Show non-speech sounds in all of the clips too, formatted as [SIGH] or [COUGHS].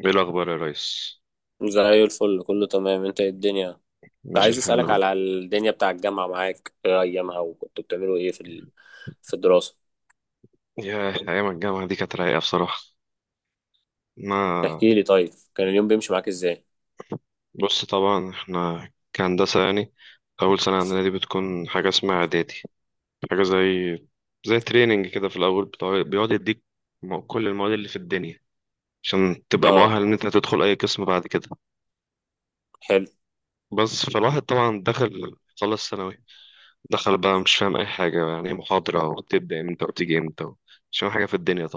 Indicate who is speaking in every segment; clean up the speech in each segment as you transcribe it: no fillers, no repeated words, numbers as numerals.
Speaker 1: ايه الاخبار يا ريس؟
Speaker 2: زي الفل، كله تمام. انت ايه الدنيا؟ كنت
Speaker 1: ماشي
Speaker 2: عايز
Speaker 1: الحال
Speaker 2: اسالك
Speaker 1: اهو.
Speaker 2: على الدنيا بتاع الجامعه. معاك ايه ايامها، وكنتوا بتعملوا ايه في في الدراسه؟
Speaker 1: يا ايام الجامعه دي كانت رايقه بصراحه. ما
Speaker 2: احكي لي طيب، كان اليوم بيمشي معاك ازاي؟
Speaker 1: بص، طبعا احنا كهندسه يعني اول سنه عندنا دي بتكون حاجه اسمها اعدادي. حاجه زي تريننج كده في الاول، بتاع بيقعد يديك كل المواد اللي في الدنيا عشان تبقى
Speaker 2: اه،
Speaker 1: مؤهل ان انت تدخل اي قسم بعد كده.
Speaker 2: حلو.
Speaker 1: بس فالواحد طبعا دخل، خلص ثانوي، دخل بقى مش فاهم اي حاجه، يعني محاضره وتبدا امتى وتيجي امتى، مش فاهم حاجه في الدنيا.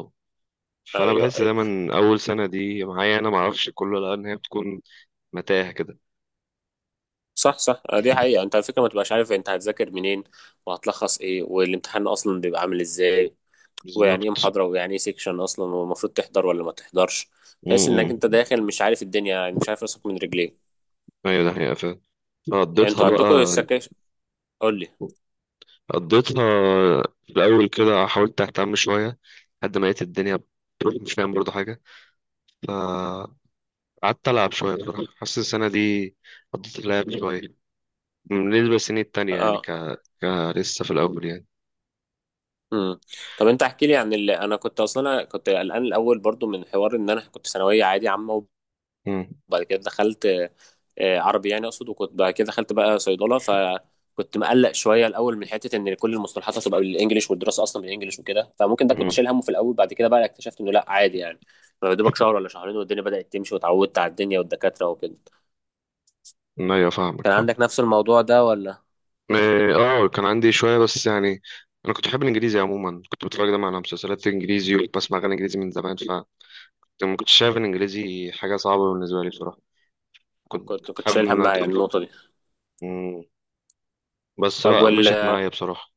Speaker 1: فانا
Speaker 2: ايوه
Speaker 1: بحس
Speaker 2: ايوه.
Speaker 1: دايما اول سنه دي معايا انا ما اعرفش كله، لان هي بتكون متاهه كده.
Speaker 2: صح صح. اه، دي حقيقه. انت على فكره ما تبقاش عارف انت هتذاكر منين، وهتلخص ايه، والامتحان اصلا بيبقى عامل ازاي، ويعني ايه
Speaker 1: بالظبط.
Speaker 2: محاضره، ويعني ايه سيكشن اصلا، والمفروض تحضر ولا ما تحضرش. تحس انك
Speaker 1: امم
Speaker 2: انت داخل مش عارف الدنيا، يعني مش عارف راسك من رجليك.
Speaker 1: ايوه، ده حقيقه فعلا. قضيتها
Speaker 2: انتوا عندكم
Speaker 1: بقى،
Speaker 2: السكاشن؟ قول لي.
Speaker 1: قضيتها في الاول كده، حاولت اهتم شويه لحد ما لقيت الدنيا بتروح مش فاهم برضه حاجه. فقعدت العب شويه بصراحه، حاسس السنه دي قضيت اللعب شويه. بالنسبه للسنين التانية يعني
Speaker 2: اه.
Speaker 1: ك... ك لسه في الاول يعني.
Speaker 2: امم. طب انت احكي لي عن اللي انا كنت اصلا أنا كنت قلقان الاول برضو من حوار ان انا كنت ثانويه عادي عامه،
Speaker 1: امم
Speaker 2: وبعد كده دخلت، عربي يعني اقصد. وكنت بعد كده دخلت بقى صيدله، فكنت مقلق شويه الاول من حته ان كل المصطلحات هتبقى بالانجلش، والدراسه اصلا بالانجلش وكده، فممكن ده كنت
Speaker 1: امم
Speaker 2: شايل همه في الاول. بعد كده بقى اكتشفت انه لا، عادي يعني. يا دوبك شهر ولا شهرين والدنيا بدات تمشي، واتعودت على الدنيا والدكاتره وكده.
Speaker 1: ايوه، فاهمك،
Speaker 2: كان
Speaker 1: فاهم.
Speaker 2: عندك نفس الموضوع ده ولا؟
Speaker 1: اه، كان عندي شوية بس يعني. انا كنت بحب الانجليزي عموما، كنت بتفرج دايما على مسلسلات انجليزي وبسمع اغاني انجليزي من زمان، فما كنتش شايف الانجليزي حاجة صعبة بالنسبة لي بصراحة. كنت
Speaker 2: كنت
Speaker 1: كنت
Speaker 2: كنت
Speaker 1: حابب
Speaker 2: شايل
Speaker 1: ان انا
Speaker 2: هم يعني
Speaker 1: ادخل.
Speaker 2: النقطه دي؟
Speaker 1: مم. بس
Speaker 2: طيب،
Speaker 1: لا، مشيت معايا بصراحة.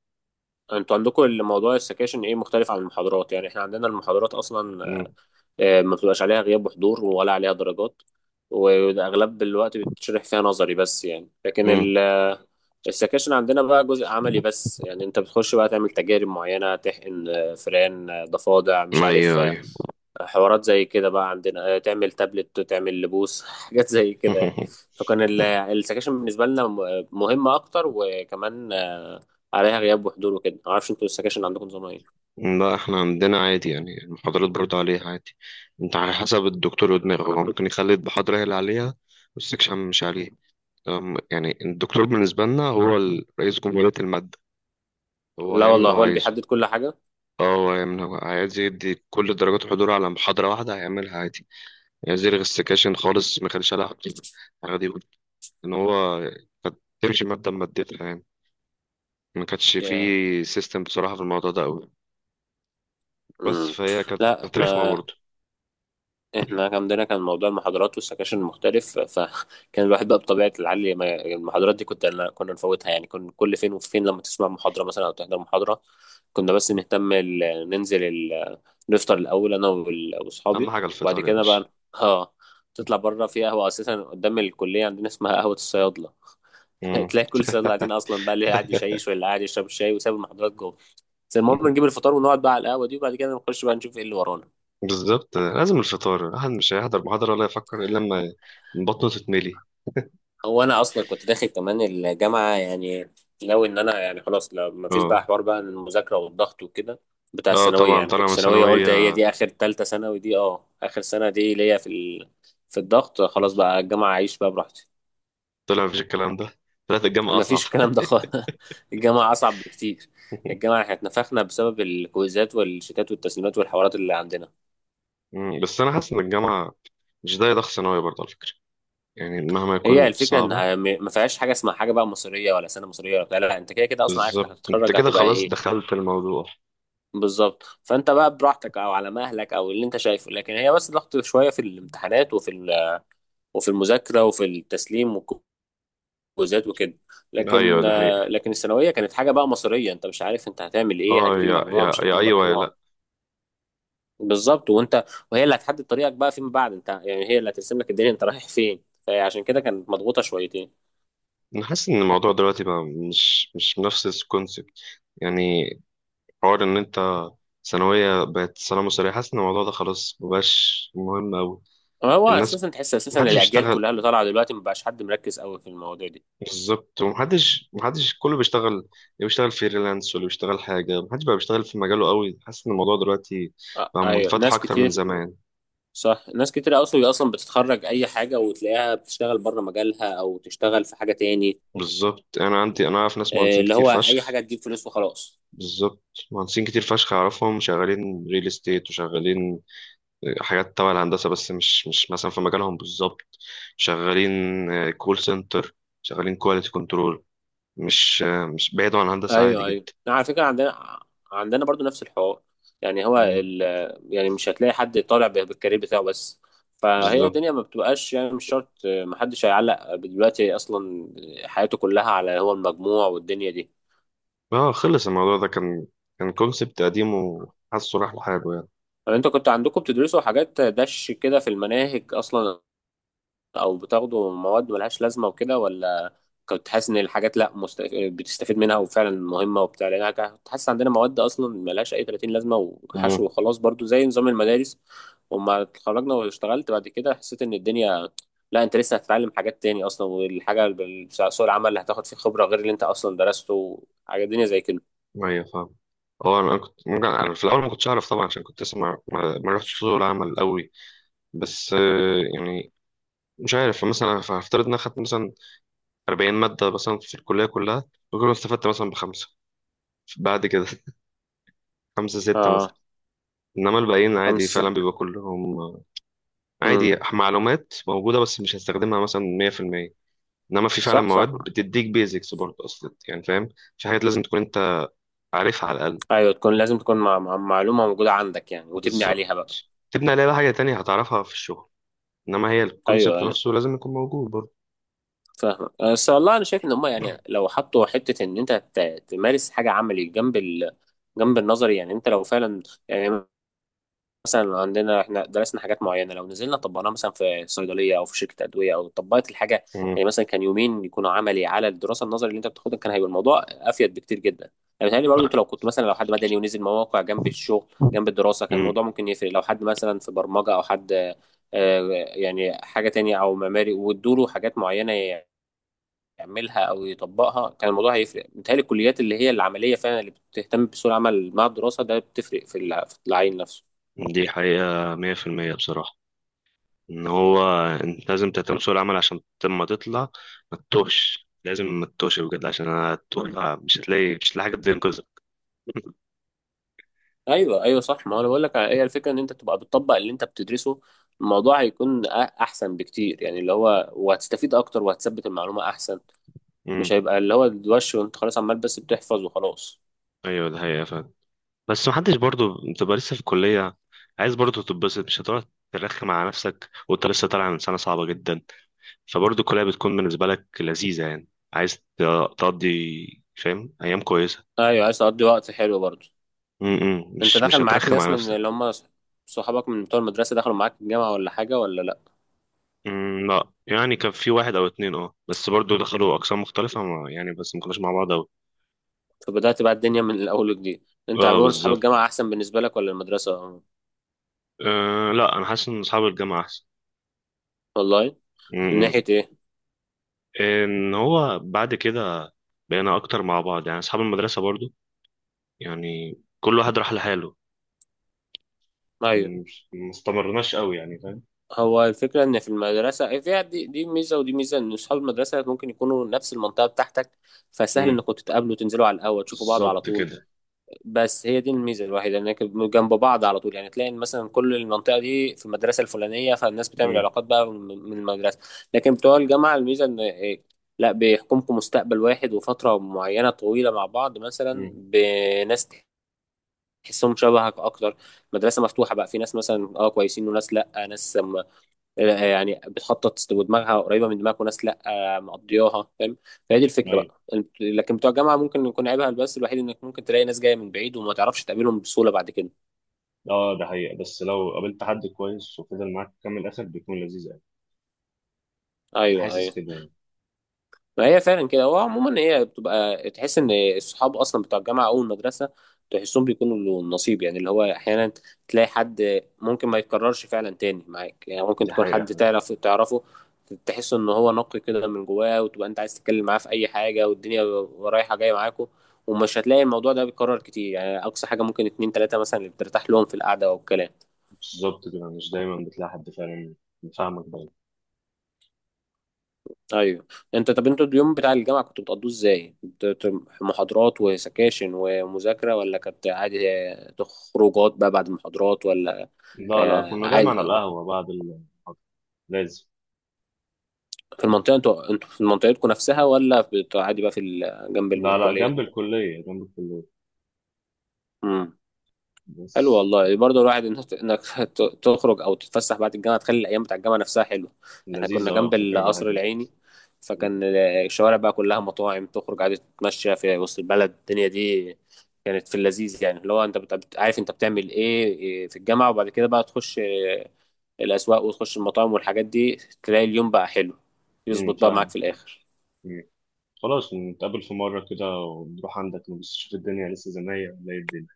Speaker 2: انتوا عندكم الموضوع السكاشن ايه مختلف عن المحاضرات؟ يعني احنا عندنا المحاضرات اصلا
Speaker 1: مم.
Speaker 2: ما بتبقاش عليها غياب وحضور ولا عليها درجات، واغلب الوقت بتشرح فيها نظري بس يعني. لكن
Speaker 1: مم.
Speaker 2: السكاشن عندنا بقى جزء عملي بس يعني. انت بتخش بقى تعمل تجارب معينة، تحقن فران، ضفادع، مش عارف،
Speaker 1: ايوه، ايوه.
Speaker 2: حوارات زي كده بقى عندنا. تعمل تابلت، تعمل لبوس [LAUGHS] حاجات زي كده يعني.
Speaker 1: [LAUGHS]
Speaker 2: فكان السكاشن بالنسبة لنا مهمة اكتر، وكمان عليها غياب وحضور وكده. معرفش انتوا السكاشن عندكم نظام ايه.
Speaker 1: لا، احنا عندنا عادي يعني، المحاضرات برضه عليها عادي. انت على حسب الدكتور ودماغه، هو ممكن يخلي المحاضرة هي اللي عليها والسكشن مش عليه. يعني الدكتور بالنسبة لنا هو رئيس جمهورية المادة، هو
Speaker 2: لا
Speaker 1: هيعمل اللي
Speaker 2: والله،
Speaker 1: هو
Speaker 2: هو اللي
Speaker 1: عايزه.
Speaker 2: بيحدد كل حاجة.
Speaker 1: اه، هو عايز يدي كل درجات الحضور على محاضرة واحدة، هيعملها عادي. عايز يلغي السكاشن خالص، ما كانش عليها حضور، عادي يقول ان هو كانت تمشي مادة بمادتها يعني. ما كانش
Speaker 2: ياه.
Speaker 1: فيه سيستم بصراحة في الموضوع ده قوي. بس
Speaker 2: امم.
Speaker 1: فهي كانت
Speaker 2: لا
Speaker 1: كانت
Speaker 2: احنا.
Speaker 1: رخمة برضه.
Speaker 2: كان عندنا كان موضوع المحاضرات والسكاشن مختلف، فكان [LAUGHS] الواحد بقى بطبيعة العلي ما المحاضرات دي كنت كنا نفوتها يعني. كنا كل فين وفين لما تسمع محاضرة مثلا أو تحضر محاضرة. كنا بس نهتم ننزل ال... نفطر الأول، أنا
Speaker 1: أهم
Speaker 2: وأصحابي،
Speaker 1: حاجة
Speaker 2: وبعد
Speaker 1: الفطار يا
Speaker 2: كده
Speaker 1: باشا.
Speaker 2: بقى اه تطلع بره في قهوة أساسا قدام الكلية، عندنا اسمها قهوة الصيادلة. [LAUGHS]
Speaker 1: مم.
Speaker 2: تلاقي كل الصيادلة قاعدين أصلا بقى، اللي قاعد يشيش واللي قاعد يشرب الشاي وساب المحاضرات. بس المهم نجيب
Speaker 1: [LAUGHS]
Speaker 2: الفطار ونقعد بقى على القهوة دي، وبعد كده نخش بقى نشوف ايه اللي ورانا.
Speaker 1: بالظبط، لازم الفطار، الواحد مش هيحضر محاضرة ولا يفكر إلا لما بطنه تتملي.
Speaker 2: هو انا اصلا كنت داخل كمان الجامعة يعني ناوي ان انا يعني خلاص، لو ما فيش
Speaker 1: اه.
Speaker 2: بقى حوار بقى المذاكرة والضغط وكده بتاع
Speaker 1: اه
Speaker 2: الثانوية
Speaker 1: طبعا،
Speaker 2: يعني.
Speaker 1: طالع
Speaker 2: كنت
Speaker 1: من
Speaker 2: ثانوية،
Speaker 1: ثانوية،
Speaker 2: قلت هي دي اخر تالتة ثانوي دي، اه اخر سنة دي ليا في في الضغط. خلاص بقى الجامعة اعيش بقى براحتي.
Speaker 1: طلع مفيش الكلام ده، طلعت الجامعة
Speaker 2: ما
Speaker 1: أصعب.
Speaker 2: فيش الكلام ده خالص. [LAUGHS] الجامعة اصعب بكتير.
Speaker 1: [LAUGHS]
Speaker 2: الجامعة احنا اتنفخنا بسبب الكويزات والشتات والتسليمات والحوارات اللي عندنا.
Speaker 1: مم. بس أنا حاسس إن الجامعة مش ده ضغط ثانوي برضه على فكرة، يعني مهما
Speaker 2: هي
Speaker 1: يكون
Speaker 2: الفكره
Speaker 1: صعبة.
Speaker 2: ان ما فيهاش حاجه اسمها حاجه بقى مصريه ولا سنه مصريه ولا بتاع. لا، انت كده كده اصلا عارف انك
Speaker 1: بالظبط، انت
Speaker 2: هتتخرج
Speaker 1: كده
Speaker 2: هتبقى
Speaker 1: خلاص
Speaker 2: ايه.
Speaker 1: دخلت الموضوع.
Speaker 2: بالظبط، فانت بقى براحتك او على مهلك او اللي انت شايفه. لكن هي بس ضغط شويه في الامتحانات وفي وفي المذاكره وفي التسليم والكوزات وكده.
Speaker 1: ايوه،
Speaker 2: لكن
Speaker 1: ده
Speaker 2: آه،
Speaker 1: حقيقة.
Speaker 2: لكن الثانويه كانت حاجه بقى مصريه، انت مش عارف انت هتعمل ايه،
Speaker 1: اه،
Speaker 2: هتجيب
Speaker 1: يا
Speaker 2: مجموع مش
Speaker 1: يا يا
Speaker 2: هتجيب
Speaker 1: ايوه يا
Speaker 2: مجموع.
Speaker 1: لا،
Speaker 2: بالظبط. وانت، وهي اللي هتحدد طريقك بقى فيما بعد. انت يعني هي اللي هترسم لك الدنيا انت رايح فين، فعشان كده كانت مضغوطه شويتين.
Speaker 1: انا حاسس ان الموضوع دلوقتي بقى مش نفس الكونسبت، يعني حوار ان انت ثانوية بقت سلام وسريع، حاسس ان الموضوع ده خلاص مبقاش مهم أوي.
Speaker 2: هو
Speaker 1: الناس
Speaker 2: اساسا تحس اساسا
Speaker 1: محدش
Speaker 2: الاجيال
Speaker 1: بيشتغل.
Speaker 2: كلها اللي طالعه دلوقتي مبقاش حد مركز قوي في المواضيع دي.
Speaker 1: بالظبط، ومحدش كله بيشتغل، اللي بيشتغل فريلانس واللي بيشتغل حاجة، محدش بقى بيشتغل في مجاله قوي. حاسس ان الموضوع دلوقتي
Speaker 2: آه
Speaker 1: بقى
Speaker 2: ايوه،
Speaker 1: منفتح
Speaker 2: ناس
Speaker 1: أكتر من
Speaker 2: كتير.
Speaker 1: زمان.
Speaker 2: صح، ناس كتير اصلا بتتخرج اي حاجه وتلاقيها بتشتغل بره مجالها او تشتغل في حاجه تاني.
Speaker 1: بالظبط، انا عندي، انا اعرف ناس مهندسين
Speaker 2: اللي
Speaker 1: كتير
Speaker 2: هو اي
Speaker 1: فشخ.
Speaker 2: حاجه تجيب فلوس وخلاص.
Speaker 1: بالظبط، مهندسين كتير فشخ اعرفهم شغالين ريل استيت، وشغالين حاجات تبع الهندسه بس مش مثلا في مجالهم بالظبط. شغالين كول سنتر، شغالين كواليتي كنترول، مش بعيد عن الهندسه، عادي
Speaker 2: ايوه ايوه،
Speaker 1: جدا.
Speaker 2: على فكره عندنا. عندنا برضو نفس الحوار. يعني هو
Speaker 1: مم،
Speaker 2: يعني مش هتلاقي حد طالع بالكارير بتاعه بس. فهي
Speaker 1: بالظبط.
Speaker 2: الدنيا ما بتبقاش يعني مش شرط محدش هيعلق دلوقتي اصلا حياته كلها على هو المجموع والدنيا دي.
Speaker 1: اه، خلص الموضوع ده كان كان كونسبت قديم وحاسه راح لحاله يعني.
Speaker 2: طب انتوا كنتوا عندكم بتدرسوا حاجات دش كده في المناهج اصلا، او بتاخدوا مواد ملهاش لازمه وكده، ولا كنت حاسس ان الحاجات لا بتستفيد منها وفعلا مهمه وبتاع؟ لان انا كنت حاسس عندنا مواد اصلا ملهاش اي 30 لازمه
Speaker 1: مم،
Speaker 2: وحشو وخلاص برضو زي نظام المدارس. وما اتخرجنا واشتغلت بعد كده، حسيت ان الدنيا لا، انت لسه هتتعلم حاجات تاني اصلا، والحاجه بتاع سوق العمل اللي هتاخد فيه خبره غير اللي انت اصلا درسته. حاجه الدنيا زي كده.
Speaker 1: ايوه فاهم. اه، انا كنت ممكن، انا في الاول ما كنتش اعرف طبعا عشان كنت اسمع، ما رحتش سوق العمل قوي. بس يعني مش عارف، مثلا هفترض ان انا خدت مثلا 40 ماده مثلا في الكليه كلها، وكل ما استفدت مثلا بخمسه، بعد كده [LAUGHS] خمسه سته مثلا.
Speaker 2: اه.
Speaker 1: انما الباقيين عادي،
Speaker 2: خمس.
Speaker 1: فعلا بيبقى كلهم
Speaker 2: امم.
Speaker 1: عادي معلومات موجوده بس مش هستخدمها مثلا 100%. انما في فعلا
Speaker 2: صح
Speaker 1: مواد
Speaker 2: صح.
Speaker 1: بتديك بيزكس برضه اصلا، يعني فاهم، في حاجات لازم تكون انت عارفها على الاقل.
Speaker 2: ايوه، تكون لازم تكون مع معلومه موجوده عندك يعني، وتبني
Speaker 1: بالظبط،
Speaker 2: عليها بقى.
Speaker 1: تبني عليها بقى حاجه تانية هتعرفها في الشغل، انما هي
Speaker 2: ايوه
Speaker 1: الكونسيبت
Speaker 2: ايوه،
Speaker 1: نفسه لازم يكون موجود برضه.
Speaker 2: فاهمك. بس والله انا شايف ان هم يعني
Speaker 1: [COUGHS]
Speaker 2: لو حطوا حته ان انت تمارس حاجه عملي جنب جنب النظري. يعني انت لو فعلا يعني مثلا عندنا احنا درسنا حاجات معينه، لو نزلنا طبقناها مثلا في صيدليه او في شركه ادويه او طبقت الحاجه.
Speaker 1: مم.
Speaker 2: يعني مثلا كان يومين يكونوا عملي على الدراسه النظري اللي انت بتاخدها، كان هيبقى الموضوع افيد بكتير جدا. يعني بيتهيألي برضه انت لو كنت مثلا، لو حد مدني ونزل مواقع جنب الشغل جنب الدراسه، كان
Speaker 1: مم.
Speaker 2: الموضوع ممكن يفرق. لو حد مثلا في برمجه او حد يعني حاجه تانية، او معماري وادوله حاجات معينه يعملها او يطبقها، كان الموضوع هيفرق. بيتهيألي الكليات اللي هي العمليه فعلا اللي بتهتم بسوق العمل مع الدراسه ده بتفرق في في العين نفسه.
Speaker 1: دي حقيقة مية في المية بصراحة، ان هو انت لازم تهتم بسوق العمل عشان لما تطلع ما تتوهش، لازم ما تتوهش بجد عشان هتطلع مش هتلاقي، مش هتلاقي حاجه تنقذك.
Speaker 2: ايوه ايوه، صح. ما هو انا بقول لك هي الفكره ان انت تبقى بتطبق اللي انت بتدرسه، الموضوع هيكون احسن بكتير يعني. اللي هو وهتستفيد اكتر وهتثبت المعلومه احسن.
Speaker 1: امم
Speaker 2: مش هيبقى اللي هو الوش، وانت خلاص عمال بس بتحفظ وخلاص.
Speaker 1: [LAUGHS] ايوه، ده حقيقة فعلا. بس محدش برضو، بتبقى لسه في الكلية عايز برضو تتبسط، مش هتقعد ترخم على نفسك وانت لسه طالع من سنة صعبة جدا. فبرضو الكلية بتكون بالنسبة لك لذيذة، يعني عايز تقضي، فاهم، أيام كويسة.
Speaker 2: ايوه، عايز تقضي وقت حلو برضه.
Speaker 1: م -م.
Speaker 2: انت
Speaker 1: مش
Speaker 2: دخل
Speaker 1: مش
Speaker 2: معاك
Speaker 1: هترخم
Speaker 2: ناس
Speaker 1: على
Speaker 2: من اللي
Speaker 1: نفسك.
Speaker 2: هم صحابك من بتوع المدرسه دخلوا معاك الجامعه، ولا حاجه ولا لا؟
Speaker 1: مم، لا يعني، كان في واحد او اتنين، اه، بس برضو دخلوا اقسام مختلفه، ما يعني بس ما كناش مع بعض اوي.
Speaker 2: فبدات بقى الدنيا من الاول وجديد. انت
Speaker 1: اه
Speaker 2: عموما صحاب
Speaker 1: بالظبط،
Speaker 2: الجامعه احسن بالنسبه لك ولا المدرسه؟
Speaker 1: آه لا، انا حاسس ان اصحاب الجامعه احسن.
Speaker 2: والله. من
Speaker 1: مم.
Speaker 2: ناحيه ايه؟
Speaker 1: ان هو بعد كده بقينا اكتر مع بعض يعني، اصحاب المدرسه برضو يعني كل واحد راح لحاله.
Speaker 2: ايوه.
Speaker 1: مم، ما استمرناش قوي يعني، فاهم.
Speaker 2: هو الفكرة إن في المدرسة، فيها دي ميزة، ودي ميزة إن أصحاب المدرسة ممكن يكونوا نفس المنطقة بتاعتك، فسهل
Speaker 1: مم،
Speaker 2: إنكم تتقابلوا، تنزلوا على القهوة تشوفوا بعض على
Speaker 1: بالظبط
Speaker 2: طول.
Speaker 1: كده.
Speaker 2: بس هي دي الميزة الوحيدة، إنك جنب بعض على طول. يعني تلاقي إن مثلا كل المنطقة دي في المدرسة الفلانية، فالناس بتعمل
Speaker 1: مم،
Speaker 2: علاقات بقى من المدرسة. لكن بتوع الجامعة الميزة إن لا، بيحكمكم مستقبل واحد وفترة معينة طويلة مع بعض مثلا،
Speaker 1: مم،
Speaker 2: بناس تحسهم شبهك أكتر. مدرسة مفتوحة بقى، في ناس مثلا أه كويسين، وناس لأ، ناس يعني بتخطط ودماغها قريبه من دماغك، وناس لا مقضياها، فاهم. فهي دي الفكره
Speaker 1: ايوه.
Speaker 2: بقى. لكن بتوع الجامعه ممكن يكون عيبها بس الوحيد انك ممكن تلاقي ناس جايه من بعيد وما تعرفش تقابلهم بسهوله بعد كده.
Speaker 1: اه ده حقيقة، بس لو قابلت حد كويس وفضل معاك كام الاخر، بيكون لذيذ قوي. انا
Speaker 2: ايوه
Speaker 1: حاسس
Speaker 2: ايوه.
Speaker 1: كده يعني.
Speaker 2: ما هي فعلا كده. هو عموما هي بتبقى تحس ان الصحاب اصلا بتوع الجامعه او المدرسه، تحسهم بيكونوا له النصيب يعني. اللي هو احيانا تلاقي حد ممكن ما يتكررش فعلا تاني معاك يعني. ممكن
Speaker 1: دي
Speaker 2: تكون حد
Speaker 1: حقيقة.
Speaker 2: تعرف تعرفه تحس ان هو نقي كده من جواه، وتبقى انت عايز تتكلم معاه في اي حاجه والدنيا رايحه جايه معاكوا. ومش هتلاقي الموضوع ده بيتكرر كتير يعني. اقصى حاجه ممكن اتنين تلاته مثلا اللي بترتاح لهم في القعده والكلام.
Speaker 1: بالظبط كده، مش دايما بتلاقي حد فعلا. فاهمك بقى.
Speaker 2: ايوه. انت طب انتوا اليوم بتاع الجامعه كنتوا بتقضوه ازاي؟ كنت محاضرات وسكاشن ومذاكره، ولا كانت عادي خروجات بقى بعد المحاضرات ولا؟
Speaker 1: لا لا، كنا دايما على
Speaker 2: عادي.
Speaker 1: القهوة بعد المحاضرة، لازم.
Speaker 2: في المنطقه انتوا في منطقتكم نفسها، ولا عادي بقى في جنب
Speaker 1: لا لا،
Speaker 2: الكليه؟
Speaker 1: جنب الكلية، جنب الكلية
Speaker 2: حلو
Speaker 1: بس.
Speaker 2: والله. برضه الواحد انك [LAUGHS] تخرج او تتفسح بعد الجامعه، تخلي الايام بتاع الجامعه نفسها حلوه. احنا كنا
Speaker 1: لذيذة، اه،
Speaker 2: جنب
Speaker 1: فاكر بقى
Speaker 2: القصر
Speaker 1: حاجات.
Speaker 2: العيني، فكان الشوارع بقى كلها مطاعم، تخرج عادي تتمشى في وسط البلد. الدنيا دي كانت في اللذيذ يعني. اللي هو انت عارف انت بتعمل ايه في الجامعه، وبعد كده بقى تخش الاسواق وتخش المطاعم والحاجات دي، تلاقي اليوم بقى حلو
Speaker 1: امم،
Speaker 2: يظبط بقى
Speaker 1: فاهم.
Speaker 2: معاك في الاخر.
Speaker 1: مم. خلاص، نتقابل في مرة كده ونروح عندك، نبص نشوف الدنيا لسه زي ما هي ولا ايه الدنيا.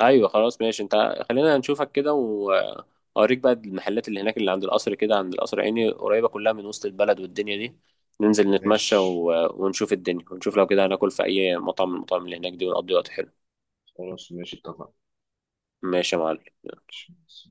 Speaker 2: ايوه خلاص ماشي. انت خلينا نشوفك كده، واوريك بقى المحلات اللي هناك، اللي عند القصر كده، عند القصر عيني، قريبه كلها من وسط البلد والدنيا دي. ننزل نتمشى
Speaker 1: ماشي.
Speaker 2: ونشوف الدنيا، ونشوف لو كده هناكل في اي مطعم من المطاعم اللي هناك دي، ونقضي وقت حلو.
Speaker 1: خلاص ماشي، اتفقنا.
Speaker 2: ماشي يا معلم.
Speaker 1: ماشي.